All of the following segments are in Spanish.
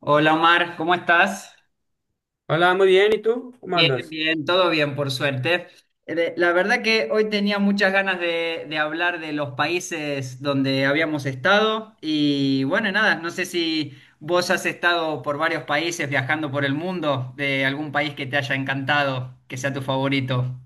Hola Omar, ¿cómo estás? Hola, muy bien. ¿Y tú? ¿Cómo Bien, andas? bien, todo bien, por suerte. La verdad que hoy tenía muchas ganas de hablar de los países donde habíamos estado y bueno, nada, no sé si vos has estado por varios países viajando por el mundo, de algún país que te haya encantado, que sea tu favorito.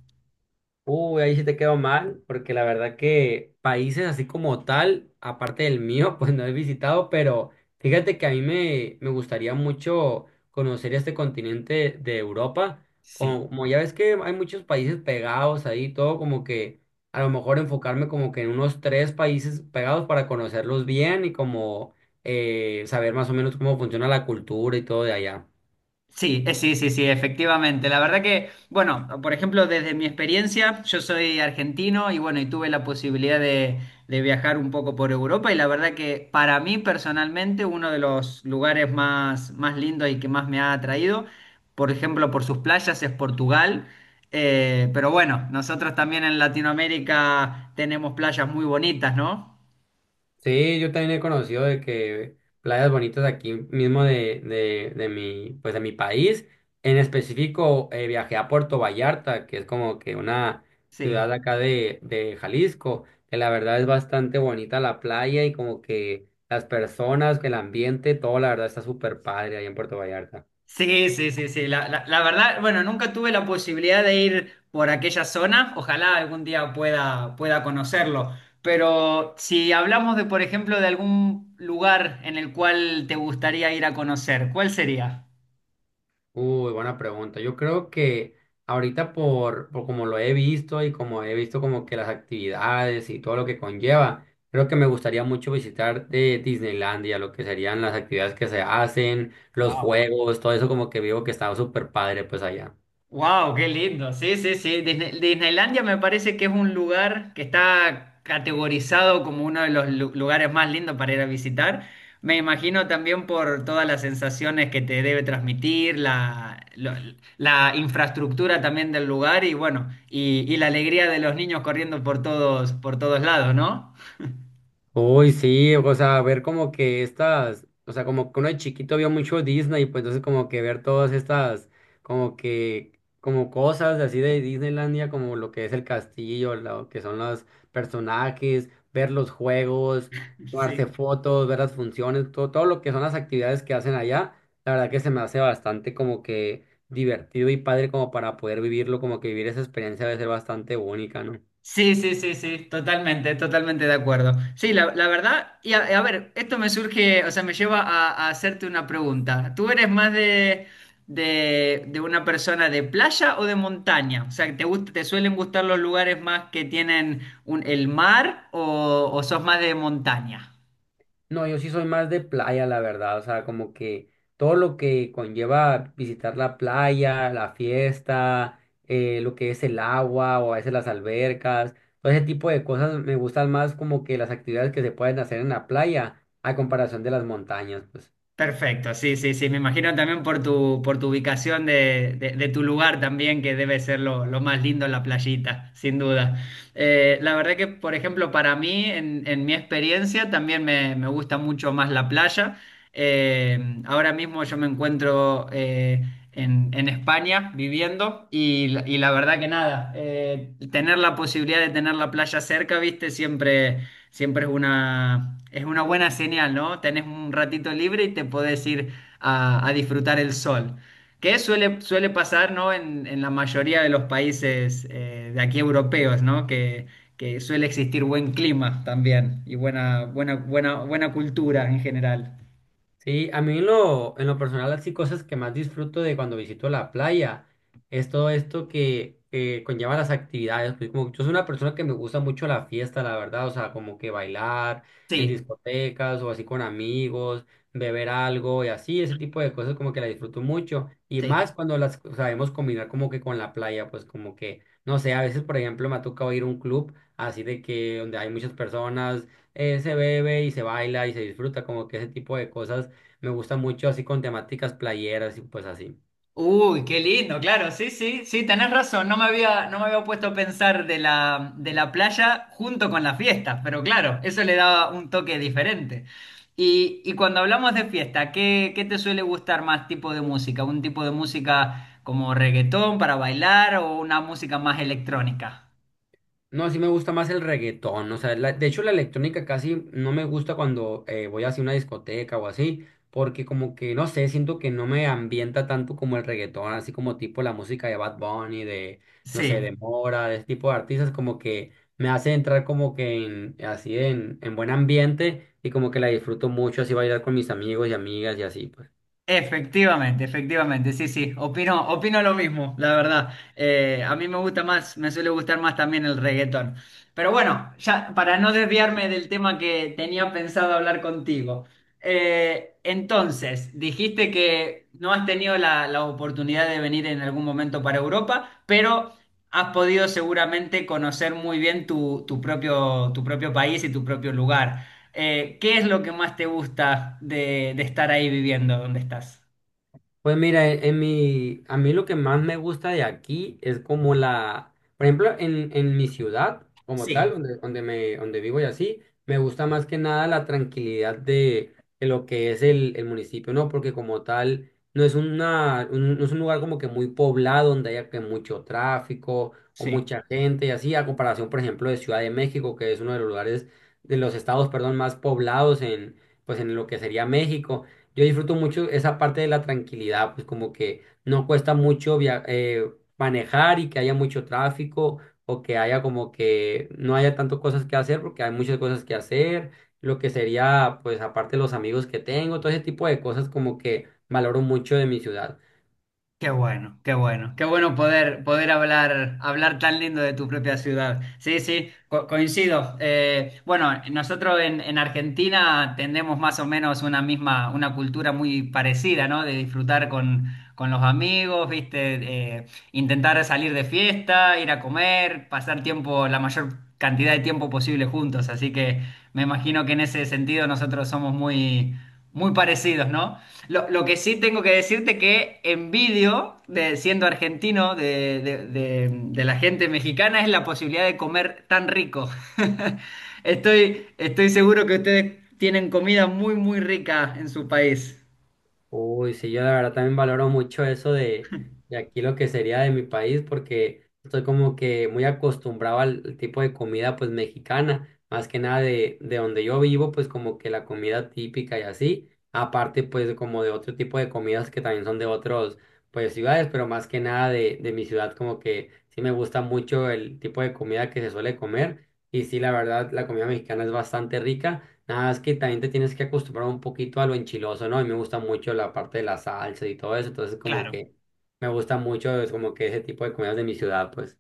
Uy, ahí sí te quedó mal, porque la verdad que países así como tal, aparte del mío, pues no he visitado, pero fíjate que a mí me gustaría mucho conocer este continente de Europa. Sí. Como ya ves que hay muchos países pegados ahí, todo como que a lo mejor enfocarme como que en unos tres países pegados para conocerlos bien y como saber más o menos cómo funciona la cultura y todo de allá. Sí, sí, sí, sí, efectivamente. La verdad que, bueno, por ejemplo, desde mi experiencia, yo soy argentino y bueno, y tuve la posibilidad de viajar un poco por Europa y la verdad que para mí personalmente uno de los lugares más, más lindos y que más me ha atraído, por ejemplo, por sus playas es Portugal. Pero bueno, nosotros también en Latinoamérica tenemos playas muy bonitas, ¿no? Sí, yo también he conocido de que playas bonitas aquí mismo de mi, pues de mi país. En específico, viajé a Puerto Vallarta, que es como que una Sí. ciudad acá de Jalisco, que la verdad es bastante bonita la playa y como que las personas, el ambiente, todo la verdad está súper padre ahí en Puerto Vallarta. Sí, sí, sí, sí. La verdad, bueno, nunca tuve la posibilidad de ir por aquella zona. Ojalá algún día pueda, pueda conocerlo. Pero si hablamos de, por ejemplo, de algún lugar en el cual te gustaría ir a conocer, ¿cuál sería? Uy, buena pregunta. Yo creo que ahorita por como lo he visto y como he visto como que las actividades y todo lo que conlleva, creo que me gustaría mucho visitar de Disneylandia, lo que serían las actividades que se hacen, los Wow. juegos, todo eso como que veo que está súper padre pues allá. Wow, qué lindo. Sí, sí, sí. Disneylandia me parece que es un lugar que está categorizado como uno de los lugares más lindos para ir a visitar. Me imagino también por todas las sensaciones que te debe transmitir, la infraestructura también del lugar y bueno, y la alegría de los niños corriendo por todos lados, ¿no? Uy, sí, o sea, ver como que estas, o sea, como que uno de chiquito vio mucho Disney, pues entonces como que ver todas estas, como que, como cosas así de Disneylandia, como lo que es el castillo, lo que son los personajes, ver los juegos, tomarse Sí. fotos, ver las funciones, todo, todo lo que son las actividades que hacen allá, la verdad que se me hace bastante como que divertido y padre como para poder vivirlo, como que vivir esa experiencia debe ser bastante única, ¿no? Sí, sí, sí, sí, totalmente, totalmente de acuerdo. Sí, la verdad, y a ver, esto me surge, o sea, me lleva a hacerte una pregunta. ¿Tú eres más de una persona de playa o de montaña? O sea, ¿te gusta, te suelen gustar los lugares más que tienen el mar o sos más de montaña? No, yo sí soy más de playa, la verdad. O sea, como que todo lo que conlleva visitar la playa, la fiesta, lo que es el agua o a veces las albercas, todo ese tipo de cosas me gustan más como que las actividades que se pueden hacer en la playa a comparación de las montañas, pues. Perfecto, sí, sí, sí. Me imagino también por tu ubicación de tu lugar también, que debe ser lo más lindo en la playita, sin duda. La verdad que, por ejemplo, para mí, en mi experiencia, también me gusta mucho más la playa. Eh, Ahora mismo yo me encuentro en España viviendo y, la verdad que nada, tener la posibilidad de tener la playa cerca, viste, siempre. Siempre es una buena señal, ¿no? Tenés un ratito libre y te podés ir a disfrutar el sol. Que suele, suele pasar, ¿no? En la mayoría de los países de aquí europeos, ¿no? Que suele existir buen clima también y buena, buena, buena, buena cultura en general. Sí, a mí en lo personal, así cosas que más disfruto de cuando visito la playa es todo esto que conlleva las actividades. Pues como yo soy una persona que me gusta mucho la fiesta, la verdad, o sea, como que bailar en Sí, discotecas o así con amigos, beber algo y así, ese tipo de cosas como que la disfruto mucho. Y sí. más cuando las sabemos combinar como que con la playa, pues como que, no sé, a veces, por ejemplo, me ha tocado ir a un club así de que donde hay muchas personas, se bebe y se baila y se disfruta como que ese tipo de cosas me gusta mucho así con temáticas playeras y pues así. Uy, qué lindo, claro, sí, sí, sí, tenés razón, no me había, no me había puesto a pensar de la playa junto con las fiestas, pero claro, eso le daba un toque diferente. Y cuando hablamos de fiesta, ¿qué, qué te suele gustar más tipo de música? ¿Un tipo de música como reggaetón para bailar o una música más electrónica? No, sí me gusta más el reggaetón, o sea, la- de hecho la electrónica casi no me gusta cuando voy hacia una discoteca o así, porque como que, no sé, siento que no me ambienta tanto como el reggaetón, así como tipo la música de Bad Bunny, de, no Sí. sé, de Mora, de ese tipo de artistas, como que me hace entrar como que en, así en buen ambiente y como que la disfruto mucho, así bailar con mis amigos y amigas y así, pues. Efectivamente, efectivamente, sí, sí, opino, opino lo mismo, la verdad. A mí me gusta más, me suele gustar más también el reggaetón. Pero bueno, ya para no desviarme del tema que tenía pensado hablar contigo. Entonces, dijiste que no has tenido la oportunidad de venir en algún momento para Europa, pero has podido seguramente conocer muy bien tu, tu propio país y tu propio lugar. ¿Qué es lo que más te gusta de estar ahí viviendo donde estás? Pues mira, e- en mi, a mí lo que más me gusta de aquí es como la, por ejemplo, en mi ciudad como tal, Sí, donde, donde me, donde vivo y así, me gusta más que nada la tranquilidad de lo que es el municipio, ¿no? Porque como tal, no es una, un, no es un lugar como que muy poblado, donde haya que mucho tráfico o sí. mucha gente y así, a comparación, por ejemplo, de Ciudad de México, que es uno de los lugares, de los estados, perdón, más poblados en, pues en lo que sería México. Yo disfruto mucho esa parte de la tranquilidad, pues como que no cuesta mucho via- manejar y que haya mucho tráfico o que haya como que no haya tanto cosas que hacer porque hay muchas cosas que hacer, lo que sería pues aparte los amigos que tengo, todo ese tipo de cosas como que valoro mucho de mi ciudad. Qué bueno, qué bueno, qué bueno poder, poder hablar, hablar tan lindo de tu propia ciudad. Sí, sí, coincido. Bueno, nosotros en Argentina tendemos más o menos una misma, una cultura muy parecida, ¿no? De disfrutar con los amigos, ¿viste? Intentar salir de fiesta, ir a comer, pasar tiempo, la mayor cantidad de tiempo posible juntos. Así que me imagino que en ese sentido nosotros somos muy muy parecidos, ¿no? Lo que sí tengo que decirte que envidio, de, siendo argentino, de la gente mexicana, es la posibilidad de comer tan rico. Estoy, estoy seguro que ustedes tienen comida muy, muy rica en su país. Uy, sí, yo la verdad también valoro mucho eso de aquí lo que sería de mi país, porque estoy como que muy acostumbrado al, al tipo de comida pues mexicana, más que nada de, de donde yo vivo, pues como que la comida típica y así, aparte pues como de otro tipo de comidas que también son de otros pues ciudades, pero más que nada de, de mi ciudad como que sí me gusta mucho el tipo de comida que se suele comer y sí, la verdad la comida mexicana es bastante rica. Nada, es que también te tienes que acostumbrar un poquito a lo enchiloso, ¿no? A mí me gusta mucho la parte de la salsa y todo eso, entonces como Claro, que me gusta mucho, es como que ese tipo de comidas de mi ciudad, pues.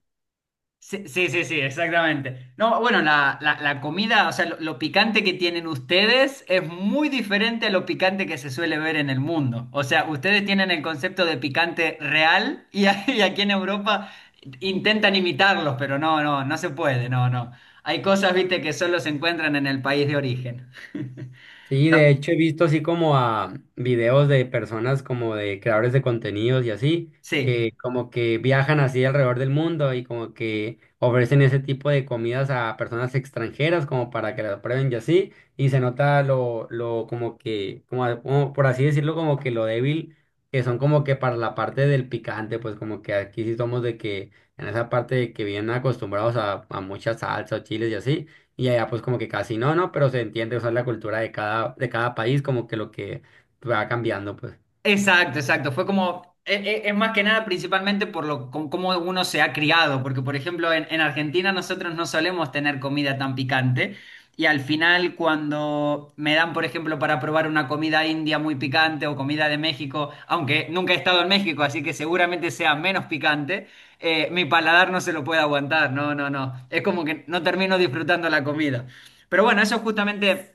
sí, sí, sí, sí, exactamente. No, bueno, la comida, o sea, lo picante que tienen ustedes es muy diferente a lo picante que se suele ver en el mundo. O sea, ustedes tienen el concepto de picante real y, y aquí en Europa intentan imitarlos, pero no, no, no se puede, no, no. Hay cosas, viste, que solo se encuentran en el país de origen. Sí, de hecho he visto así como a videos de personas como de creadores de contenidos y así, Sí. que como que viajan así alrededor del mundo y como que ofrecen ese tipo de comidas a personas extranjeras como para que las prueben y así, y se nota lo como que, como, a- como por así decirlo, como que lo débil que son como que para la parte del picante, pues como que aquí sí somos de que en esa parte de que vienen acostumbrados a mucha salsa o chiles y así y allá pues como que casi no, no, pero se entiende, o sea, la cultura de cada país como que lo que va cambiando, pues. Exacto, exacto. Fue como, es, más que nada principalmente por lo, con cómo uno se ha criado, porque por ejemplo en Argentina nosotros no solemos tener comida tan picante y al final cuando me dan, por ejemplo, para probar una comida india muy picante o comida de México, aunque nunca he estado en México, así que seguramente sea menos picante, mi paladar no se lo puede aguantar, no, no, no. Es como que no termino disfrutando la comida. Pero bueno, eso es justamente...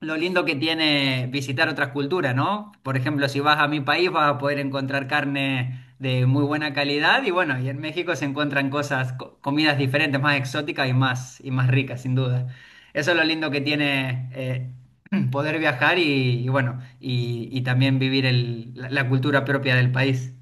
Lo lindo que tiene visitar otras culturas, ¿no? Por ejemplo, si vas a mi país vas a poder encontrar carne de muy buena calidad y bueno, y en México se encuentran cosas, comidas diferentes, más exóticas y más ricas, sin duda. Eso es lo lindo que tiene poder viajar y bueno, y también vivir la cultura propia del país.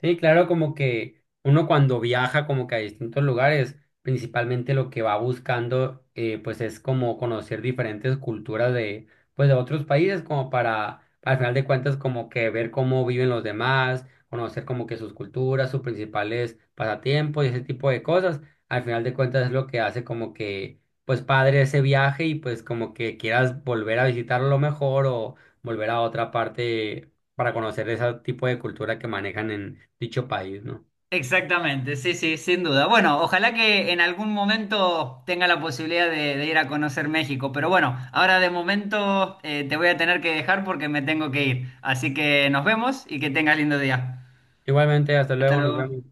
Sí, claro, como que uno cuando viaja como que a distintos lugares, principalmente lo que va buscando pues es como conocer diferentes culturas de pues de otros países como para al final de cuentas como que ver cómo viven los demás, conocer como que sus culturas, sus principales pasatiempos y ese tipo de cosas. Al final de cuentas es lo que hace como que pues padre ese viaje y pues como que quieras volver a visitarlo mejor o volver a otra parte para conocer ese tipo de cultura que manejan en dicho país, ¿no? Exactamente, sí, sí, sin duda. Bueno, ojalá que en algún momento tenga la posibilidad de ir a conocer México, pero bueno, ahora de momento te voy a tener que dejar porque me tengo que ir. Así que nos vemos y que tengas lindo día. Igualmente, hasta Hasta luego, nos luego. vemos.